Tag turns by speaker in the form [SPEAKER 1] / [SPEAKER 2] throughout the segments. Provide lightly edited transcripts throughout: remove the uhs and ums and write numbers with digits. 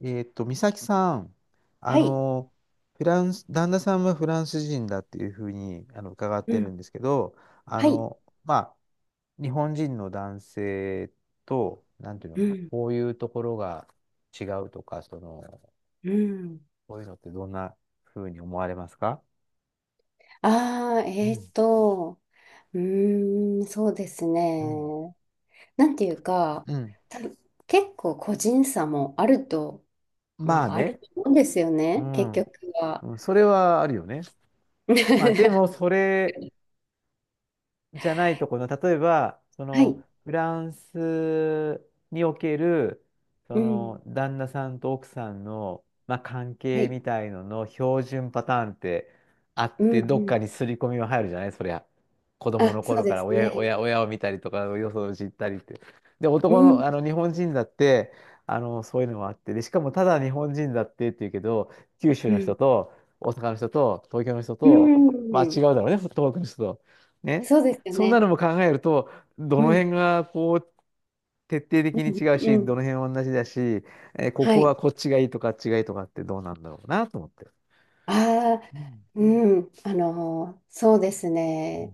[SPEAKER 1] 美咲さん、あ
[SPEAKER 2] はい。
[SPEAKER 1] の、フランス、旦那さんはフランス人だっていうふうに伺っ
[SPEAKER 2] う
[SPEAKER 1] てる
[SPEAKER 2] ん、
[SPEAKER 1] んですけど、
[SPEAKER 2] はい。
[SPEAKER 1] まあ、日本人の男性と、なんていう
[SPEAKER 2] う
[SPEAKER 1] の、
[SPEAKER 2] ん、
[SPEAKER 1] こういうところが違うとか、
[SPEAKER 2] うん。
[SPEAKER 1] こういうのってどんなふうに思われますか？
[SPEAKER 2] ああ、
[SPEAKER 1] うん、
[SPEAKER 2] うーん、そうです
[SPEAKER 1] うん、
[SPEAKER 2] ね。なんていうか、
[SPEAKER 1] うん。
[SPEAKER 2] 多分結構個人差もあると、ま
[SPEAKER 1] まあ
[SPEAKER 2] あ、ある
[SPEAKER 1] ね、
[SPEAKER 2] と思うんですよ
[SPEAKER 1] う
[SPEAKER 2] ね、結
[SPEAKER 1] ん、
[SPEAKER 2] 局は。
[SPEAKER 1] うん、それはあるよね。まあ、で も、それ、じゃないところの、例えば、
[SPEAKER 2] はい。
[SPEAKER 1] フランスにおける、
[SPEAKER 2] うん。
[SPEAKER 1] 旦那さんと奥さんの、まあ、関
[SPEAKER 2] は
[SPEAKER 1] 係
[SPEAKER 2] い。
[SPEAKER 1] みたいのの標準パターンってあっ
[SPEAKER 2] うん、
[SPEAKER 1] て、ど
[SPEAKER 2] う
[SPEAKER 1] っ
[SPEAKER 2] ん。
[SPEAKER 1] かに刷り込みは入るじゃないそりゃ。子供
[SPEAKER 2] あ、
[SPEAKER 1] の
[SPEAKER 2] そう
[SPEAKER 1] 頃か
[SPEAKER 2] で
[SPEAKER 1] ら
[SPEAKER 2] す
[SPEAKER 1] 親、
[SPEAKER 2] ね。
[SPEAKER 1] 親、親を見たりとか、よそを知ったりって。で、
[SPEAKER 2] うん、
[SPEAKER 1] 日本人だって、そういうのもあって、で、しかもただ日本人だってっていうけど、九州
[SPEAKER 2] う
[SPEAKER 1] の
[SPEAKER 2] ん。
[SPEAKER 1] 人と、大阪の人と、東京の人
[SPEAKER 2] う
[SPEAKER 1] と、まあ違う
[SPEAKER 2] ん。
[SPEAKER 1] だろうね、東北の人と。ね。
[SPEAKER 2] そうですよ
[SPEAKER 1] そんな
[SPEAKER 2] ね。
[SPEAKER 1] のも考えると、ど
[SPEAKER 2] う
[SPEAKER 1] の
[SPEAKER 2] ん。
[SPEAKER 1] 辺がこう、徹底的に違う
[SPEAKER 2] うん。う
[SPEAKER 1] し、
[SPEAKER 2] ん。
[SPEAKER 1] どの辺は同じだし、こ
[SPEAKER 2] は
[SPEAKER 1] こは
[SPEAKER 2] い。
[SPEAKER 1] こっちがいいとかあっちがいいとかってどうなんだろうなと思って。
[SPEAKER 2] ああ、
[SPEAKER 1] うん
[SPEAKER 2] うん。そうです
[SPEAKER 1] うん
[SPEAKER 2] ね。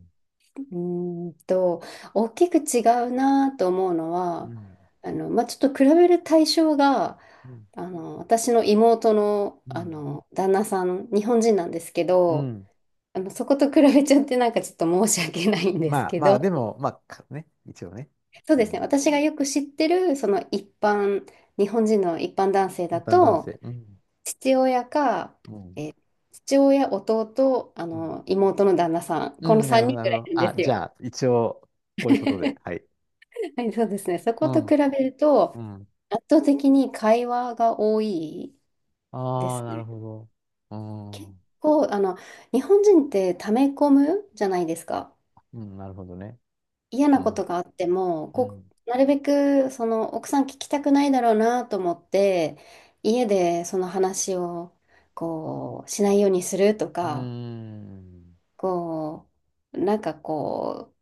[SPEAKER 2] うーんと、大きく違うなと思うの
[SPEAKER 1] う
[SPEAKER 2] は、
[SPEAKER 1] ん
[SPEAKER 2] まあ、ちょっと比べる対象が、
[SPEAKER 1] う
[SPEAKER 2] 私の妹の、
[SPEAKER 1] ん
[SPEAKER 2] 旦那さん、日本人なんですけ
[SPEAKER 1] う
[SPEAKER 2] ど、
[SPEAKER 1] ん。
[SPEAKER 2] あの、そこと比べちゃってなんかちょっと申し訳ないんです
[SPEAKER 1] まあ
[SPEAKER 2] け
[SPEAKER 1] まあ、
[SPEAKER 2] ど、
[SPEAKER 1] でも、まあ、かね、一応ね。
[SPEAKER 2] そう
[SPEAKER 1] う
[SPEAKER 2] ですね、
[SPEAKER 1] ん。
[SPEAKER 2] 私がよく知ってる、その一般、日本人の一般男性
[SPEAKER 1] 一
[SPEAKER 2] だ
[SPEAKER 1] 般男
[SPEAKER 2] と、
[SPEAKER 1] 性。うん。
[SPEAKER 2] 父親か、
[SPEAKER 1] うん。
[SPEAKER 2] 父親、弟、あ
[SPEAKER 1] うん
[SPEAKER 2] の、妹の旦那さん、
[SPEAKER 1] うん
[SPEAKER 2] こ
[SPEAKER 1] うん
[SPEAKER 2] の
[SPEAKER 1] うんなる
[SPEAKER 2] 3
[SPEAKER 1] ほど、
[SPEAKER 2] 人
[SPEAKER 1] なる
[SPEAKER 2] ぐ
[SPEAKER 1] ほ
[SPEAKER 2] らい
[SPEAKER 1] ど。
[SPEAKER 2] なん
[SPEAKER 1] あ、
[SPEAKER 2] です
[SPEAKER 1] じ
[SPEAKER 2] よ。
[SPEAKER 1] ゃあ、一応、こういうことで。はい。
[SPEAKER 2] はい、そうですね、そ
[SPEAKER 1] う
[SPEAKER 2] こと
[SPEAKER 1] ん。
[SPEAKER 2] 比べると、
[SPEAKER 1] うん。
[SPEAKER 2] 圧倒的に会話が多いで
[SPEAKER 1] ああ、
[SPEAKER 2] す
[SPEAKER 1] なる
[SPEAKER 2] ね。
[SPEAKER 1] ほど。うん。
[SPEAKER 2] 結
[SPEAKER 1] う
[SPEAKER 2] 構、あの、日本人って溜め込むじゃないですか。
[SPEAKER 1] ん、なるほどね。
[SPEAKER 2] 嫌
[SPEAKER 1] う
[SPEAKER 2] なこと
[SPEAKER 1] ん。
[SPEAKER 2] があっても、
[SPEAKER 1] う
[SPEAKER 2] こ
[SPEAKER 1] ん。
[SPEAKER 2] う、なるべく、その、奥さん聞きたくないだろうなと思って、家でその話を、こう、しないようにすると
[SPEAKER 1] うー
[SPEAKER 2] か、
[SPEAKER 1] ん。
[SPEAKER 2] こう、なんかこう、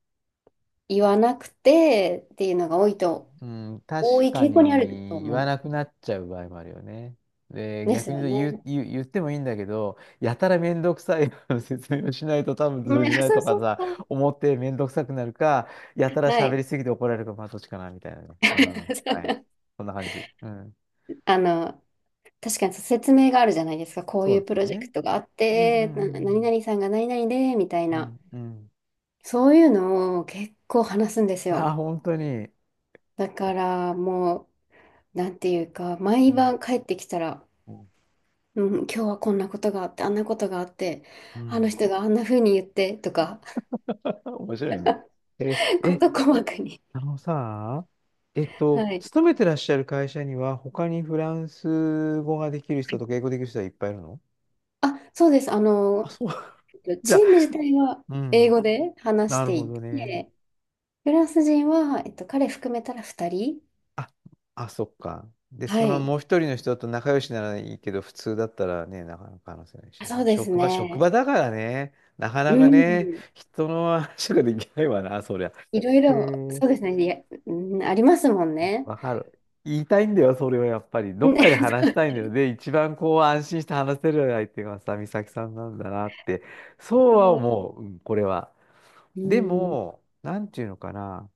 [SPEAKER 2] 言わなくてっていうのが多いと、
[SPEAKER 1] うん、確
[SPEAKER 2] 多い
[SPEAKER 1] か
[SPEAKER 2] 傾向にあると
[SPEAKER 1] に言わ
[SPEAKER 2] 思
[SPEAKER 1] なくなっちゃう場合もあるよね。で、
[SPEAKER 2] うんです
[SPEAKER 1] 逆に
[SPEAKER 2] よね。ね、
[SPEAKER 1] 言ってもいいんだけど、やたらめんどくさい 説明をしないと多分通じな い
[SPEAKER 2] そう
[SPEAKER 1] とか
[SPEAKER 2] そう
[SPEAKER 1] さ、
[SPEAKER 2] そう。
[SPEAKER 1] 思ってめんどくさくなるか、やたら
[SPEAKER 2] は
[SPEAKER 1] 喋
[SPEAKER 2] い。
[SPEAKER 1] りすぎて怒られるか、まあどっちかな、みたいなね。うん。はい。そんな感じ。うん。
[SPEAKER 2] あの、確かにそう説明があるじゃないですか。こう
[SPEAKER 1] そ
[SPEAKER 2] い
[SPEAKER 1] うだ
[SPEAKER 2] う
[SPEAKER 1] っ
[SPEAKER 2] プ
[SPEAKER 1] た
[SPEAKER 2] ロ
[SPEAKER 1] よ
[SPEAKER 2] ジェ
[SPEAKER 1] ね。
[SPEAKER 2] クトがあっ
[SPEAKER 1] うんう
[SPEAKER 2] て、何
[SPEAKER 1] ん
[SPEAKER 2] 々さんが何々で、みたい
[SPEAKER 1] う
[SPEAKER 2] な。
[SPEAKER 1] んうん。うん
[SPEAKER 2] そういうのを結構話すんです
[SPEAKER 1] うん。あ、
[SPEAKER 2] よ。
[SPEAKER 1] 本当に。
[SPEAKER 2] だからもう、なんていうか、
[SPEAKER 1] う
[SPEAKER 2] 毎
[SPEAKER 1] ん
[SPEAKER 2] 晩帰ってきたら、
[SPEAKER 1] うん。
[SPEAKER 2] うん、今日はこんなことがあって、あんなことがあって、
[SPEAKER 1] う
[SPEAKER 2] あの
[SPEAKER 1] ん
[SPEAKER 2] 人があんな風に言って、とか、
[SPEAKER 1] 面白いね。え、え、
[SPEAKER 2] 事細かに。
[SPEAKER 1] あのさ、
[SPEAKER 2] はい。
[SPEAKER 1] 勤めてらっしゃる会社には、他にフランス語ができる人とか英語できる人はいっぱいいるの？
[SPEAKER 2] あ、そうです。あ
[SPEAKER 1] あ、
[SPEAKER 2] の、
[SPEAKER 1] そう。じゃ
[SPEAKER 2] チ
[SPEAKER 1] あ、
[SPEAKER 2] ーム自体は
[SPEAKER 1] う
[SPEAKER 2] 英
[SPEAKER 1] ん。
[SPEAKER 2] 語で話し
[SPEAKER 1] なる
[SPEAKER 2] て
[SPEAKER 1] ほ
[SPEAKER 2] い
[SPEAKER 1] どね。
[SPEAKER 2] て、フランス人は、彼含めたら2人。
[SPEAKER 1] あ、あ、そっか。で、
[SPEAKER 2] は
[SPEAKER 1] その
[SPEAKER 2] い。
[SPEAKER 1] もう一人の人と仲良しならいいけど、普通だったらね、なかなか話せないし
[SPEAKER 2] あ、そ
[SPEAKER 1] ね。
[SPEAKER 2] うです
[SPEAKER 1] 職場、職場
[SPEAKER 2] ね。
[SPEAKER 1] だからね、なか
[SPEAKER 2] う
[SPEAKER 1] なかね、
[SPEAKER 2] ん。
[SPEAKER 1] 人の話ができないわな、そりゃ。
[SPEAKER 2] いろい
[SPEAKER 1] へ
[SPEAKER 2] ろ、
[SPEAKER 1] え。
[SPEAKER 2] そうですね。いや、うん、ありますもんね。
[SPEAKER 1] わかる。言いたいんだよ、それはやっぱり。ど
[SPEAKER 2] うん。
[SPEAKER 1] っ かで話したいんだよ。で、一番こう安心して話せる相手がさ、美咲さんなんだなって。そうは
[SPEAKER 2] そう、
[SPEAKER 1] 思う、うん、これは。
[SPEAKER 2] う
[SPEAKER 1] で
[SPEAKER 2] ん。
[SPEAKER 1] も、なんていうのかな。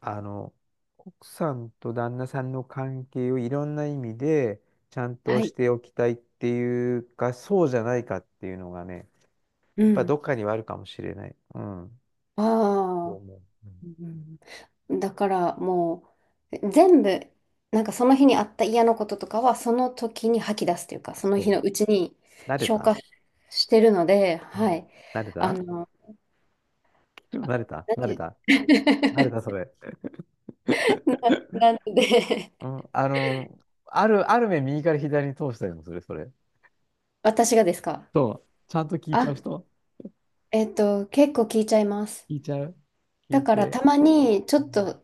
[SPEAKER 1] あの、奥さんと旦那さんの関係をいろんな意味でちゃんと
[SPEAKER 2] は
[SPEAKER 1] し
[SPEAKER 2] い。
[SPEAKER 1] ておきたいっていうか、そうじゃないかっていうのがね、
[SPEAKER 2] う
[SPEAKER 1] やっぱ
[SPEAKER 2] ん。
[SPEAKER 1] どっかにはあるかもしれない。うん。そ
[SPEAKER 2] あ
[SPEAKER 1] う
[SPEAKER 2] あ。
[SPEAKER 1] 思う。うん、
[SPEAKER 2] うん、だからもう、全部、なんかその日にあった嫌なこととかは、その時に吐き出すというか、
[SPEAKER 1] あ
[SPEAKER 2] その日
[SPEAKER 1] そ
[SPEAKER 2] のうちに
[SPEAKER 1] う。慣れ
[SPEAKER 2] 消
[SPEAKER 1] た
[SPEAKER 2] 化してるので、
[SPEAKER 1] う
[SPEAKER 2] は
[SPEAKER 1] ん
[SPEAKER 2] い。
[SPEAKER 1] 慣れ
[SPEAKER 2] あ
[SPEAKER 1] た
[SPEAKER 2] の、あ、
[SPEAKER 1] 慣れた
[SPEAKER 2] なん
[SPEAKER 1] 慣
[SPEAKER 2] て
[SPEAKER 1] れ
[SPEAKER 2] いう
[SPEAKER 1] た慣れたそ れ。うん
[SPEAKER 2] なんで、
[SPEAKER 1] あの、ある目右から左に通したりもする、それ。
[SPEAKER 2] 私がですか？
[SPEAKER 1] そう。ちゃんと聞いちゃ
[SPEAKER 2] あ、
[SPEAKER 1] う人
[SPEAKER 2] 結構聞いちゃいます。
[SPEAKER 1] 聞いちゃう聞
[SPEAKER 2] だ
[SPEAKER 1] い
[SPEAKER 2] から
[SPEAKER 1] て。
[SPEAKER 2] たまにちょ
[SPEAKER 1] う
[SPEAKER 2] っ
[SPEAKER 1] ん。
[SPEAKER 2] と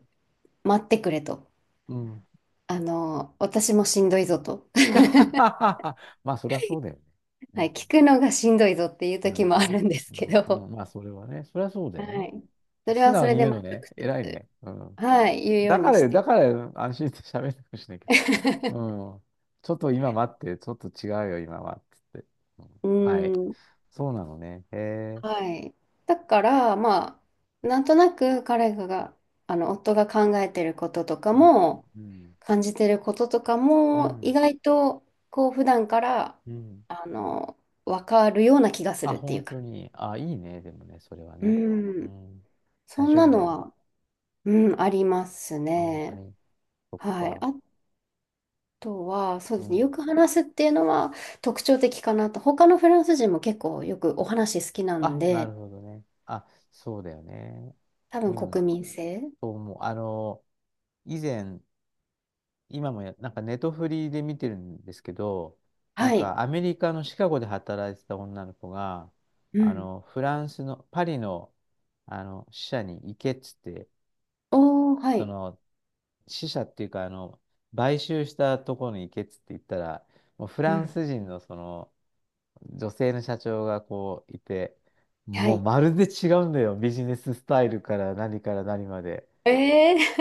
[SPEAKER 2] 待ってくれと。
[SPEAKER 1] うん
[SPEAKER 2] あの、私もしんどいぞと。
[SPEAKER 1] まあ、そりゃそうだよね。う
[SPEAKER 2] は
[SPEAKER 1] ん
[SPEAKER 2] い、聞くのがしんどいぞっていう
[SPEAKER 1] なる
[SPEAKER 2] 時
[SPEAKER 1] ほ
[SPEAKER 2] も
[SPEAKER 1] ど
[SPEAKER 2] あ
[SPEAKER 1] ね。
[SPEAKER 2] るんです
[SPEAKER 1] う
[SPEAKER 2] け
[SPEAKER 1] んう
[SPEAKER 2] ど、
[SPEAKER 1] んまあ、それはね。そりゃそうだ
[SPEAKER 2] は
[SPEAKER 1] よね。
[SPEAKER 2] い。それ
[SPEAKER 1] 素
[SPEAKER 2] はそ
[SPEAKER 1] 直
[SPEAKER 2] れ
[SPEAKER 1] に
[SPEAKER 2] で、
[SPEAKER 1] 言う
[SPEAKER 2] まあ、
[SPEAKER 1] の
[SPEAKER 2] 直
[SPEAKER 1] ね。偉い
[SPEAKER 2] 接、
[SPEAKER 1] ね。うん。
[SPEAKER 2] はい、言うよう
[SPEAKER 1] だか
[SPEAKER 2] にし
[SPEAKER 1] ら、
[SPEAKER 2] て。
[SPEAKER 1] だから、安心して喋るかもしれないけ ど。うん。ちょっと今待って、ちょっと違うよ、今は。つって。うん
[SPEAKER 2] う
[SPEAKER 1] はい。
[SPEAKER 2] ん。
[SPEAKER 1] そうなのね。へえ。
[SPEAKER 2] はい。だから、まあ、なんとなく彼が、あの、夫が考えてることとか
[SPEAKER 1] うん。
[SPEAKER 2] も、
[SPEAKER 1] うん。
[SPEAKER 2] 感じてることとか
[SPEAKER 1] う
[SPEAKER 2] も、意
[SPEAKER 1] ん。
[SPEAKER 2] 外と、こう、普段から、
[SPEAKER 1] うん。
[SPEAKER 2] あの、わかるような気がす
[SPEAKER 1] あ、
[SPEAKER 2] るってい
[SPEAKER 1] 本
[SPEAKER 2] うか。
[SPEAKER 1] 当に。あ、いいね。でもね、それはね。
[SPEAKER 2] う
[SPEAKER 1] う
[SPEAKER 2] ん。
[SPEAKER 1] ん。大
[SPEAKER 2] そん
[SPEAKER 1] 丈
[SPEAKER 2] な
[SPEAKER 1] 夫だ
[SPEAKER 2] の
[SPEAKER 1] よ。
[SPEAKER 2] は、うん、あります
[SPEAKER 1] あ、本当
[SPEAKER 2] ね。
[SPEAKER 1] に。そっ
[SPEAKER 2] はい。
[SPEAKER 1] か。
[SPEAKER 2] あとは、そう
[SPEAKER 1] う
[SPEAKER 2] ですね。よ
[SPEAKER 1] ん。
[SPEAKER 2] く話すっていうのは特徴的かなと。他のフランス人も結構よくお話好きなん
[SPEAKER 1] あ、な
[SPEAKER 2] で、
[SPEAKER 1] るほどね。あ、そうだよね。
[SPEAKER 2] 多
[SPEAKER 1] う
[SPEAKER 2] 分
[SPEAKER 1] ん。
[SPEAKER 2] 国民性。
[SPEAKER 1] そう思う。以前、今もや、なんかネットフリで見てるんですけど、なん
[SPEAKER 2] はい。
[SPEAKER 1] かアメリカのシカゴで働いてた女の子が、
[SPEAKER 2] うん。
[SPEAKER 1] フランスのパリの、あの支社に行けっつって、
[SPEAKER 2] おー、は
[SPEAKER 1] そ
[SPEAKER 2] い。
[SPEAKER 1] の支社っていうか、買収したところに行けっつって言ったら、もうフ
[SPEAKER 2] う
[SPEAKER 1] ラン
[SPEAKER 2] ん。
[SPEAKER 1] ス人のその女性の社長がこういて、
[SPEAKER 2] は
[SPEAKER 1] もう
[SPEAKER 2] い。
[SPEAKER 1] まるで違うんだよ。ビジネススタイルから何から何まで。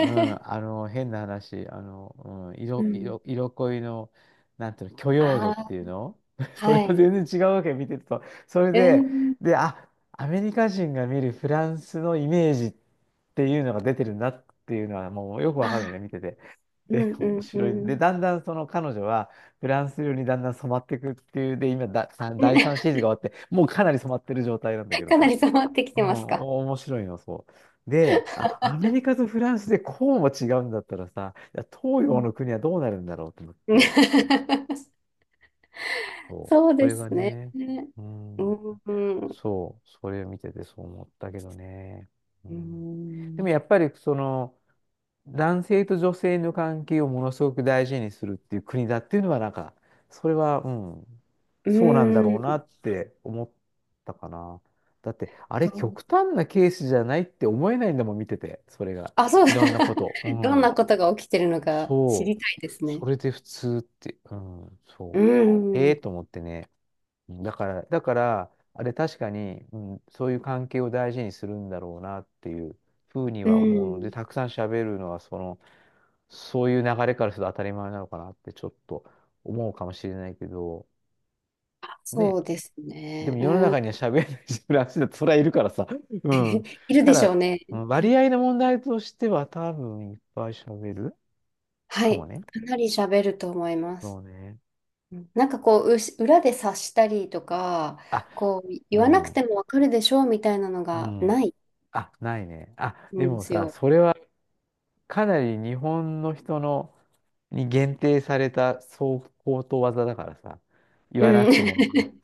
[SPEAKER 1] うん、変な話、うん、
[SPEAKER 2] ー、うん。
[SPEAKER 1] 色恋の、なんていうの、許 容度
[SPEAKER 2] あ
[SPEAKER 1] っ
[SPEAKER 2] あ、
[SPEAKER 1] ていうの それ
[SPEAKER 2] は
[SPEAKER 1] も
[SPEAKER 2] い。
[SPEAKER 1] 全然違うわけ、見てると。それ
[SPEAKER 2] う
[SPEAKER 1] で、
[SPEAKER 2] ん。
[SPEAKER 1] あ、アメリカ人が見るフランスのイメージっていうのが出てるんだっていうのは、もうよく
[SPEAKER 2] あ
[SPEAKER 1] わかるのね、
[SPEAKER 2] ー、
[SPEAKER 1] 見てて。
[SPEAKER 2] う
[SPEAKER 1] で、
[SPEAKER 2] ん、う
[SPEAKER 1] 面
[SPEAKER 2] ん、う
[SPEAKER 1] 白い。
[SPEAKER 2] ん。う
[SPEAKER 1] で、
[SPEAKER 2] ん。
[SPEAKER 1] だんだんその彼女は、フランス料にだんだん染まっていくっていう、で、今だ、第3シー ズンが終わって、もうかなり染まってる状態なんだけど
[SPEAKER 2] かな
[SPEAKER 1] さ。
[SPEAKER 2] り染まってき
[SPEAKER 1] う
[SPEAKER 2] て
[SPEAKER 1] ん、
[SPEAKER 2] ますか？
[SPEAKER 1] 面白いの、そう。で、あ、アメリカとフランスでこうも違うんだったらさ、いや東
[SPEAKER 2] う
[SPEAKER 1] 洋
[SPEAKER 2] ん。
[SPEAKER 1] の国はどうなるんだろうと思っ
[SPEAKER 2] うん。
[SPEAKER 1] て、そう、
[SPEAKER 2] そう
[SPEAKER 1] そ
[SPEAKER 2] で
[SPEAKER 1] れが
[SPEAKER 2] すね。
[SPEAKER 1] ね、
[SPEAKER 2] う
[SPEAKER 1] うん、
[SPEAKER 2] ん、うん、
[SPEAKER 1] そう、それを見ててそう思ったけどね。う
[SPEAKER 2] う
[SPEAKER 1] ん、でも
[SPEAKER 2] ん、
[SPEAKER 1] やっぱりその、男性と女性の関係をものすごく大事にするっていう国だっていうのは、なんか、それは、うん、
[SPEAKER 2] う
[SPEAKER 1] そうなんだろうな
[SPEAKER 2] ん、
[SPEAKER 1] って思ったかな。だって、あ
[SPEAKER 2] そ
[SPEAKER 1] れ、
[SPEAKER 2] う、
[SPEAKER 1] 極端なケースじゃないって思えないんだもん、見てて、それが。
[SPEAKER 2] あ、そう、
[SPEAKER 1] いろんなこと。う
[SPEAKER 2] どん
[SPEAKER 1] ん。
[SPEAKER 2] なことが起きてるのか知
[SPEAKER 1] そう。
[SPEAKER 2] りたいです
[SPEAKER 1] そ
[SPEAKER 2] ね。
[SPEAKER 1] れで普通って、うん、
[SPEAKER 2] う
[SPEAKER 1] そう。へえ
[SPEAKER 2] ん、
[SPEAKER 1] と思ってね。うんだから、あれ確かに、うん、そういう関係を大事にするんだろうなっていうふうに
[SPEAKER 2] う
[SPEAKER 1] は思うので、
[SPEAKER 2] ん、
[SPEAKER 1] たくさん喋るのはその、そういう流れからすると当たり前なのかなってちょっと思うかもしれないけど、
[SPEAKER 2] そ
[SPEAKER 1] ね。
[SPEAKER 2] うです
[SPEAKER 1] で
[SPEAKER 2] ね。
[SPEAKER 1] も世の
[SPEAKER 2] うん、
[SPEAKER 1] 中には喋れない人らしいだってそれはいるからさ。うん。
[SPEAKER 2] いる
[SPEAKER 1] た
[SPEAKER 2] でしょう
[SPEAKER 1] だ、
[SPEAKER 2] ね。
[SPEAKER 1] うん割合の問題としては多分いっぱい喋る
[SPEAKER 2] は
[SPEAKER 1] かも
[SPEAKER 2] い、
[SPEAKER 1] ね。
[SPEAKER 2] かなり喋ると思いま
[SPEAKER 1] そ
[SPEAKER 2] す。
[SPEAKER 1] うね。
[SPEAKER 2] うん、なんかこう、うし裏で察したりとか、
[SPEAKER 1] あ、
[SPEAKER 2] こう、
[SPEAKER 1] う
[SPEAKER 2] 言わなく
[SPEAKER 1] ん。
[SPEAKER 2] てもわかるでしょうみたいなの
[SPEAKER 1] う
[SPEAKER 2] が
[SPEAKER 1] ん。
[SPEAKER 2] ない
[SPEAKER 1] あ、ないね。あ、で
[SPEAKER 2] んで
[SPEAKER 1] も
[SPEAKER 2] す
[SPEAKER 1] さ、
[SPEAKER 2] よ。
[SPEAKER 1] それはかなり日本の人のに限定されたそう高等技だからさ、言
[SPEAKER 2] う
[SPEAKER 1] わなく
[SPEAKER 2] ん。
[SPEAKER 1] てもわかる。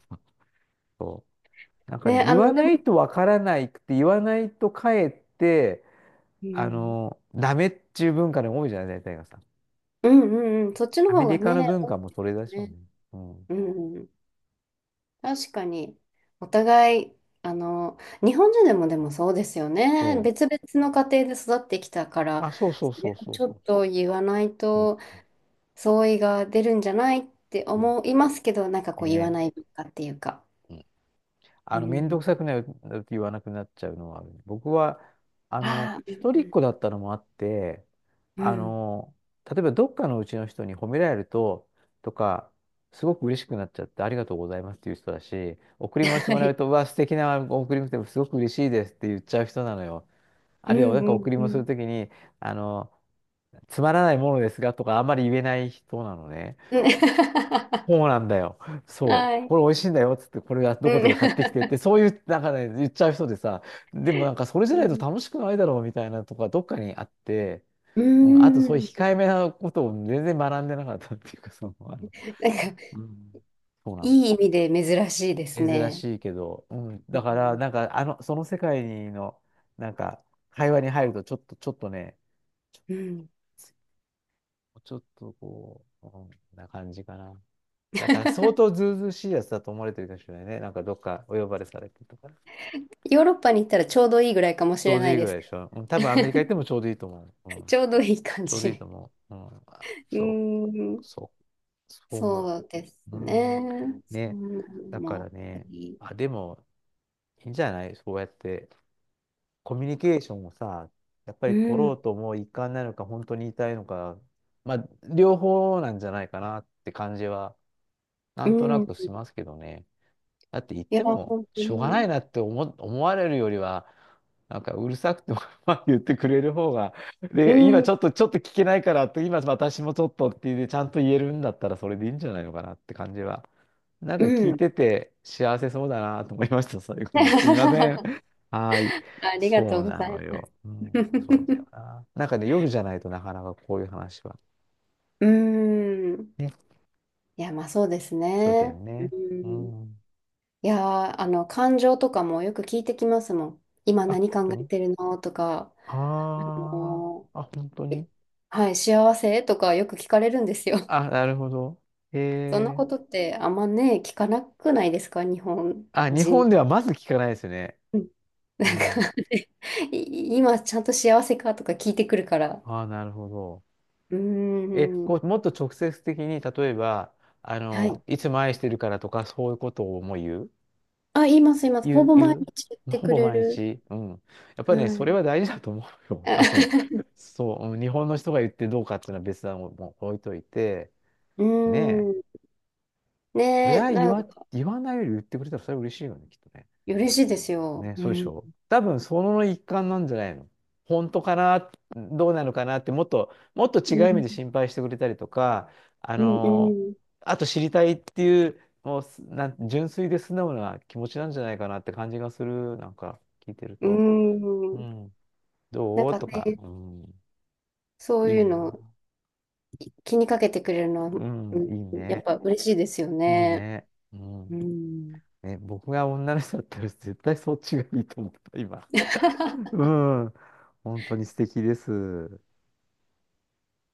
[SPEAKER 1] なんかね、
[SPEAKER 2] ね、あ
[SPEAKER 1] 言わ
[SPEAKER 2] の、で
[SPEAKER 1] な
[SPEAKER 2] も、
[SPEAKER 1] いとわからないくて、言わないとかえって、
[SPEAKER 2] うん、
[SPEAKER 1] ダメっていう文化の方が多いじゃない、大体がさ。
[SPEAKER 2] うんうんうん、そっちの
[SPEAKER 1] アメ
[SPEAKER 2] 方
[SPEAKER 1] リ
[SPEAKER 2] が
[SPEAKER 1] カ
[SPEAKER 2] ね、
[SPEAKER 1] の文
[SPEAKER 2] 多い
[SPEAKER 1] 化も
[SPEAKER 2] で
[SPEAKER 1] それで
[SPEAKER 2] す
[SPEAKER 1] しょ
[SPEAKER 2] よ
[SPEAKER 1] うね。
[SPEAKER 2] ね。
[SPEAKER 1] うん。
[SPEAKER 2] うん、うん、確かに、お互い、あの、日本人でもでもそうですよ
[SPEAKER 1] そ
[SPEAKER 2] ね。別々の家庭で育ってきたか
[SPEAKER 1] う。
[SPEAKER 2] ら、
[SPEAKER 1] あ、そうそ
[SPEAKER 2] そ
[SPEAKER 1] うそ
[SPEAKER 2] れ
[SPEAKER 1] う
[SPEAKER 2] は
[SPEAKER 1] そう
[SPEAKER 2] ちょっ
[SPEAKER 1] そ
[SPEAKER 2] と言わない
[SPEAKER 1] う。う
[SPEAKER 2] と
[SPEAKER 1] ん。
[SPEAKER 2] 相違が出るんじゃないって
[SPEAKER 1] そう
[SPEAKER 2] 思いますけど、なんかこう言わ
[SPEAKER 1] ね
[SPEAKER 2] ない
[SPEAKER 1] え
[SPEAKER 2] 文化っていうか。
[SPEAKER 1] うん
[SPEAKER 2] う
[SPEAKER 1] めんど
[SPEAKER 2] ん、
[SPEAKER 1] くさくないって言わなくなっちゃうのは、僕は、
[SPEAKER 2] ああ、う
[SPEAKER 1] 一人
[SPEAKER 2] ん
[SPEAKER 1] っ子だったのもあって、
[SPEAKER 2] うん。う
[SPEAKER 1] あ
[SPEAKER 2] ん。
[SPEAKER 1] の、例えばどっかのうちの人に褒められると、とか、すごく嬉しくなっちゃって、ありがとうございますっていう人だし、贈り物して
[SPEAKER 2] は
[SPEAKER 1] もらう
[SPEAKER 2] い。
[SPEAKER 1] と、うわ、素敵な贈り物ですごく嬉しいですって言っちゃう人なのよ。
[SPEAKER 2] う
[SPEAKER 1] あるいは、なんか
[SPEAKER 2] んうん
[SPEAKER 1] 贈り
[SPEAKER 2] う
[SPEAKER 1] 物する
[SPEAKER 2] ん。
[SPEAKER 1] ときに、あの、つまらないものですがとか、あんまり言えない人なのね。
[SPEAKER 2] うん。
[SPEAKER 1] そうなんだよ。そ
[SPEAKER 2] は
[SPEAKER 1] う。
[SPEAKER 2] い。
[SPEAKER 1] これ美味しいんだよっつって、これはど
[SPEAKER 2] う
[SPEAKER 1] ことか買ってきてっ
[SPEAKER 2] ん。
[SPEAKER 1] て、そういう、なんかね、言っちゃう人でさ、でもなんかそれじゃないと楽しくないだろうみたいなとか、どっかにあって、
[SPEAKER 2] う
[SPEAKER 1] うん、あとそういう
[SPEAKER 2] ん。うん、
[SPEAKER 1] 控えめなことを全然学んでなかったっていうか、
[SPEAKER 2] なんか、
[SPEAKER 1] うん、そうなの。
[SPEAKER 2] いい意味で珍しいです
[SPEAKER 1] 珍
[SPEAKER 2] ね。
[SPEAKER 1] しいけど、うん、
[SPEAKER 2] う
[SPEAKER 1] だから、
[SPEAKER 2] ん。
[SPEAKER 1] その世界の、なんか、会話に入ると、ちょっとね、
[SPEAKER 2] うん。
[SPEAKER 1] ちょっとこう、うん、な感じかな。だから相 当ずうずうしいやつだと思われてるかもしれないね。なんかどっかお呼ばれされてとか。
[SPEAKER 2] ヨーロッパに行ったらちょうどいいぐらいかも
[SPEAKER 1] ち
[SPEAKER 2] し
[SPEAKER 1] ょ
[SPEAKER 2] れ
[SPEAKER 1] うど
[SPEAKER 2] な
[SPEAKER 1] い
[SPEAKER 2] い
[SPEAKER 1] いぐ
[SPEAKER 2] で
[SPEAKER 1] らい
[SPEAKER 2] す。
[SPEAKER 1] でしょ。うん、多分アメリカ行ってもち ょうどいいと思う。うん、
[SPEAKER 2] ちょうどいい感
[SPEAKER 1] ちょうどいい
[SPEAKER 2] じ。
[SPEAKER 1] と思う。
[SPEAKER 2] うん。
[SPEAKER 1] う、そう、そう思
[SPEAKER 2] そうです
[SPEAKER 1] う。う
[SPEAKER 2] ね。
[SPEAKER 1] ん、
[SPEAKER 2] そ
[SPEAKER 1] ね。
[SPEAKER 2] んなの
[SPEAKER 1] だか
[SPEAKER 2] もあっ
[SPEAKER 1] らね、
[SPEAKER 2] たり。
[SPEAKER 1] あ、でもいいんじゃない、そうやってコミュニケーションをさ、やっぱ
[SPEAKER 2] う
[SPEAKER 1] り取
[SPEAKER 2] ん。
[SPEAKER 1] ろうともう一貫なのか、本当に言いたいのか、まあ、両方なんじゃないかなって感じは、な
[SPEAKER 2] う
[SPEAKER 1] んとな
[SPEAKER 2] ん。
[SPEAKER 1] く
[SPEAKER 2] い
[SPEAKER 1] しますけどね。だって言っ
[SPEAKER 2] や、
[SPEAKER 1] ても、
[SPEAKER 2] 本当
[SPEAKER 1] しょうがない
[SPEAKER 2] に。
[SPEAKER 1] なって思われるよりは、なんかうるさくても まあ言ってくれる方が、
[SPEAKER 2] う
[SPEAKER 1] で、今
[SPEAKER 2] ん。
[SPEAKER 1] ちょっと聞けないからって、今私もちょっとっていうで、ちゃんと言えるんだったらそれでいいんじゃないのかなって感じは。なん
[SPEAKER 2] う
[SPEAKER 1] か聞い
[SPEAKER 2] ん。
[SPEAKER 1] てて幸せそうだなと思いました、最後に。すいません。はーい。
[SPEAKER 2] ありが
[SPEAKER 1] そ
[SPEAKER 2] と
[SPEAKER 1] う
[SPEAKER 2] うご
[SPEAKER 1] な
[SPEAKER 2] ざい
[SPEAKER 1] の
[SPEAKER 2] ます。
[SPEAKER 1] よ。うん、そうだ よ
[SPEAKER 2] う
[SPEAKER 1] な。なんかね、夜じゃないとなかなかこういう話は。
[SPEAKER 2] ーん。
[SPEAKER 1] ね、
[SPEAKER 2] いや、まあそうです
[SPEAKER 1] そうだよ
[SPEAKER 2] ね。う
[SPEAKER 1] ね。う
[SPEAKER 2] ーん。い
[SPEAKER 1] ん。
[SPEAKER 2] やー、あの、感情とかもよく聞いてきますもん。今
[SPEAKER 1] あ、本
[SPEAKER 2] 何考
[SPEAKER 1] 当
[SPEAKER 2] え
[SPEAKER 1] に、
[SPEAKER 2] てるのとか、
[SPEAKER 1] あ
[SPEAKER 2] も
[SPEAKER 1] あー、あ、本当
[SPEAKER 2] う、
[SPEAKER 1] に、
[SPEAKER 2] はい、幸せとかよく聞かれるんですよ。
[SPEAKER 1] あ、なるほど。へ
[SPEAKER 2] そんな
[SPEAKER 1] え。
[SPEAKER 2] ことってあんまね、聞かなくないですか、日本
[SPEAKER 1] あ、日
[SPEAKER 2] 人。
[SPEAKER 1] 本ではまず聞かないですよね。
[SPEAKER 2] うん、
[SPEAKER 1] う
[SPEAKER 2] なんか
[SPEAKER 1] ん。
[SPEAKER 2] 今ちゃんと幸せかとか聞いてくるから。
[SPEAKER 1] あ、なるほど。
[SPEAKER 2] うー
[SPEAKER 1] え、こ
[SPEAKER 2] ん。
[SPEAKER 1] う、もっと直接的に、例えば、あ
[SPEAKER 2] は
[SPEAKER 1] の、
[SPEAKER 2] い。
[SPEAKER 1] いつも愛してるからとか、そういうことをもう言う、
[SPEAKER 2] あ、言います、言います。ほ
[SPEAKER 1] 言う、
[SPEAKER 2] ぼ毎
[SPEAKER 1] 言う、
[SPEAKER 2] 日言っ
[SPEAKER 1] まあ
[SPEAKER 2] て
[SPEAKER 1] ほ
[SPEAKER 2] く
[SPEAKER 1] ぼ
[SPEAKER 2] れ
[SPEAKER 1] 毎
[SPEAKER 2] る。
[SPEAKER 1] 日。うん。やっぱりね、
[SPEAKER 2] は
[SPEAKER 1] それ
[SPEAKER 2] い。
[SPEAKER 1] は大事だと思うよ。あの、そう、うん、日本の人が言ってどうかっていうのは別段もう置いといて、
[SPEAKER 2] う
[SPEAKER 1] ねえ、
[SPEAKER 2] ーん。
[SPEAKER 1] それ
[SPEAKER 2] ねえ、
[SPEAKER 1] は言
[SPEAKER 2] な
[SPEAKER 1] わ、
[SPEAKER 2] んか、
[SPEAKER 1] 言わないより言ってくれたらそれは嬉しいよね、きっとね。
[SPEAKER 2] 嬉しいですよ。
[SPEAKER 1] ね、
[SPEAKER 2] う
[SPEAKER 1] そうでし
[SPEAKER 2] ん。
[SPEAKER 1] ょ。多分その一環なんじゃないの。本当かな、どうなのかなって、もっと
[SPEAKER 2] う
[SPEAKER 1] 違う意味
[SPEAKER 2] ん、
[SPEAKER 1] で心配してくれたりとか、あ
[SPEAKER 2] うん、
[SPEAKER 1] の、
[SPEAKER 2] うん。
[SPEAKER 1] あと知りたいっていう、もうすなん、純粋で素直な気持ちなんじゃないかなって感じがする、なんか聞いてる
[SPEAKER 2] う
[SPEAKER 1] と。う
[SPEAKER 2] ん。
[SPEAKER 1] ん、
[SPEAKER 2] なん
[SPEAKER 1] どう
[SPEAKER 2] か
[SPEAKER 1] とか、
[SPEAKER 2] ね、
[SPEAKER 1] うん、
[SPEAKER 2] そう
[SPEAKER 1] いい
[SPEAKER 2] いうの
[SPEAKER 1] な。
[SPEAKER 2] 気にかけてくれるのは、
[SPEAKER 1] う
[SPEAKER 2] う
[SPEAKER 1] ん、
[SPEAKER 2] ん、
[SPEAKER 1] いい
[SPEAKER 2] やっ
[SPEAKER 1] ね。
[SPEAKER 2] ぱ嬉しいですよ
[SPEAKER 1] いい
[SPEAKER 2] ね。
[SPEAKER 1] ね。う
[SPEAKER 2] う
[SPEAKER 1] ん。
[SPEAKER 2] ん。
[SPEAKER 1] ね、僕が女の人だったら絶対そっちがいいと思った、今。うん。本当に素敵です。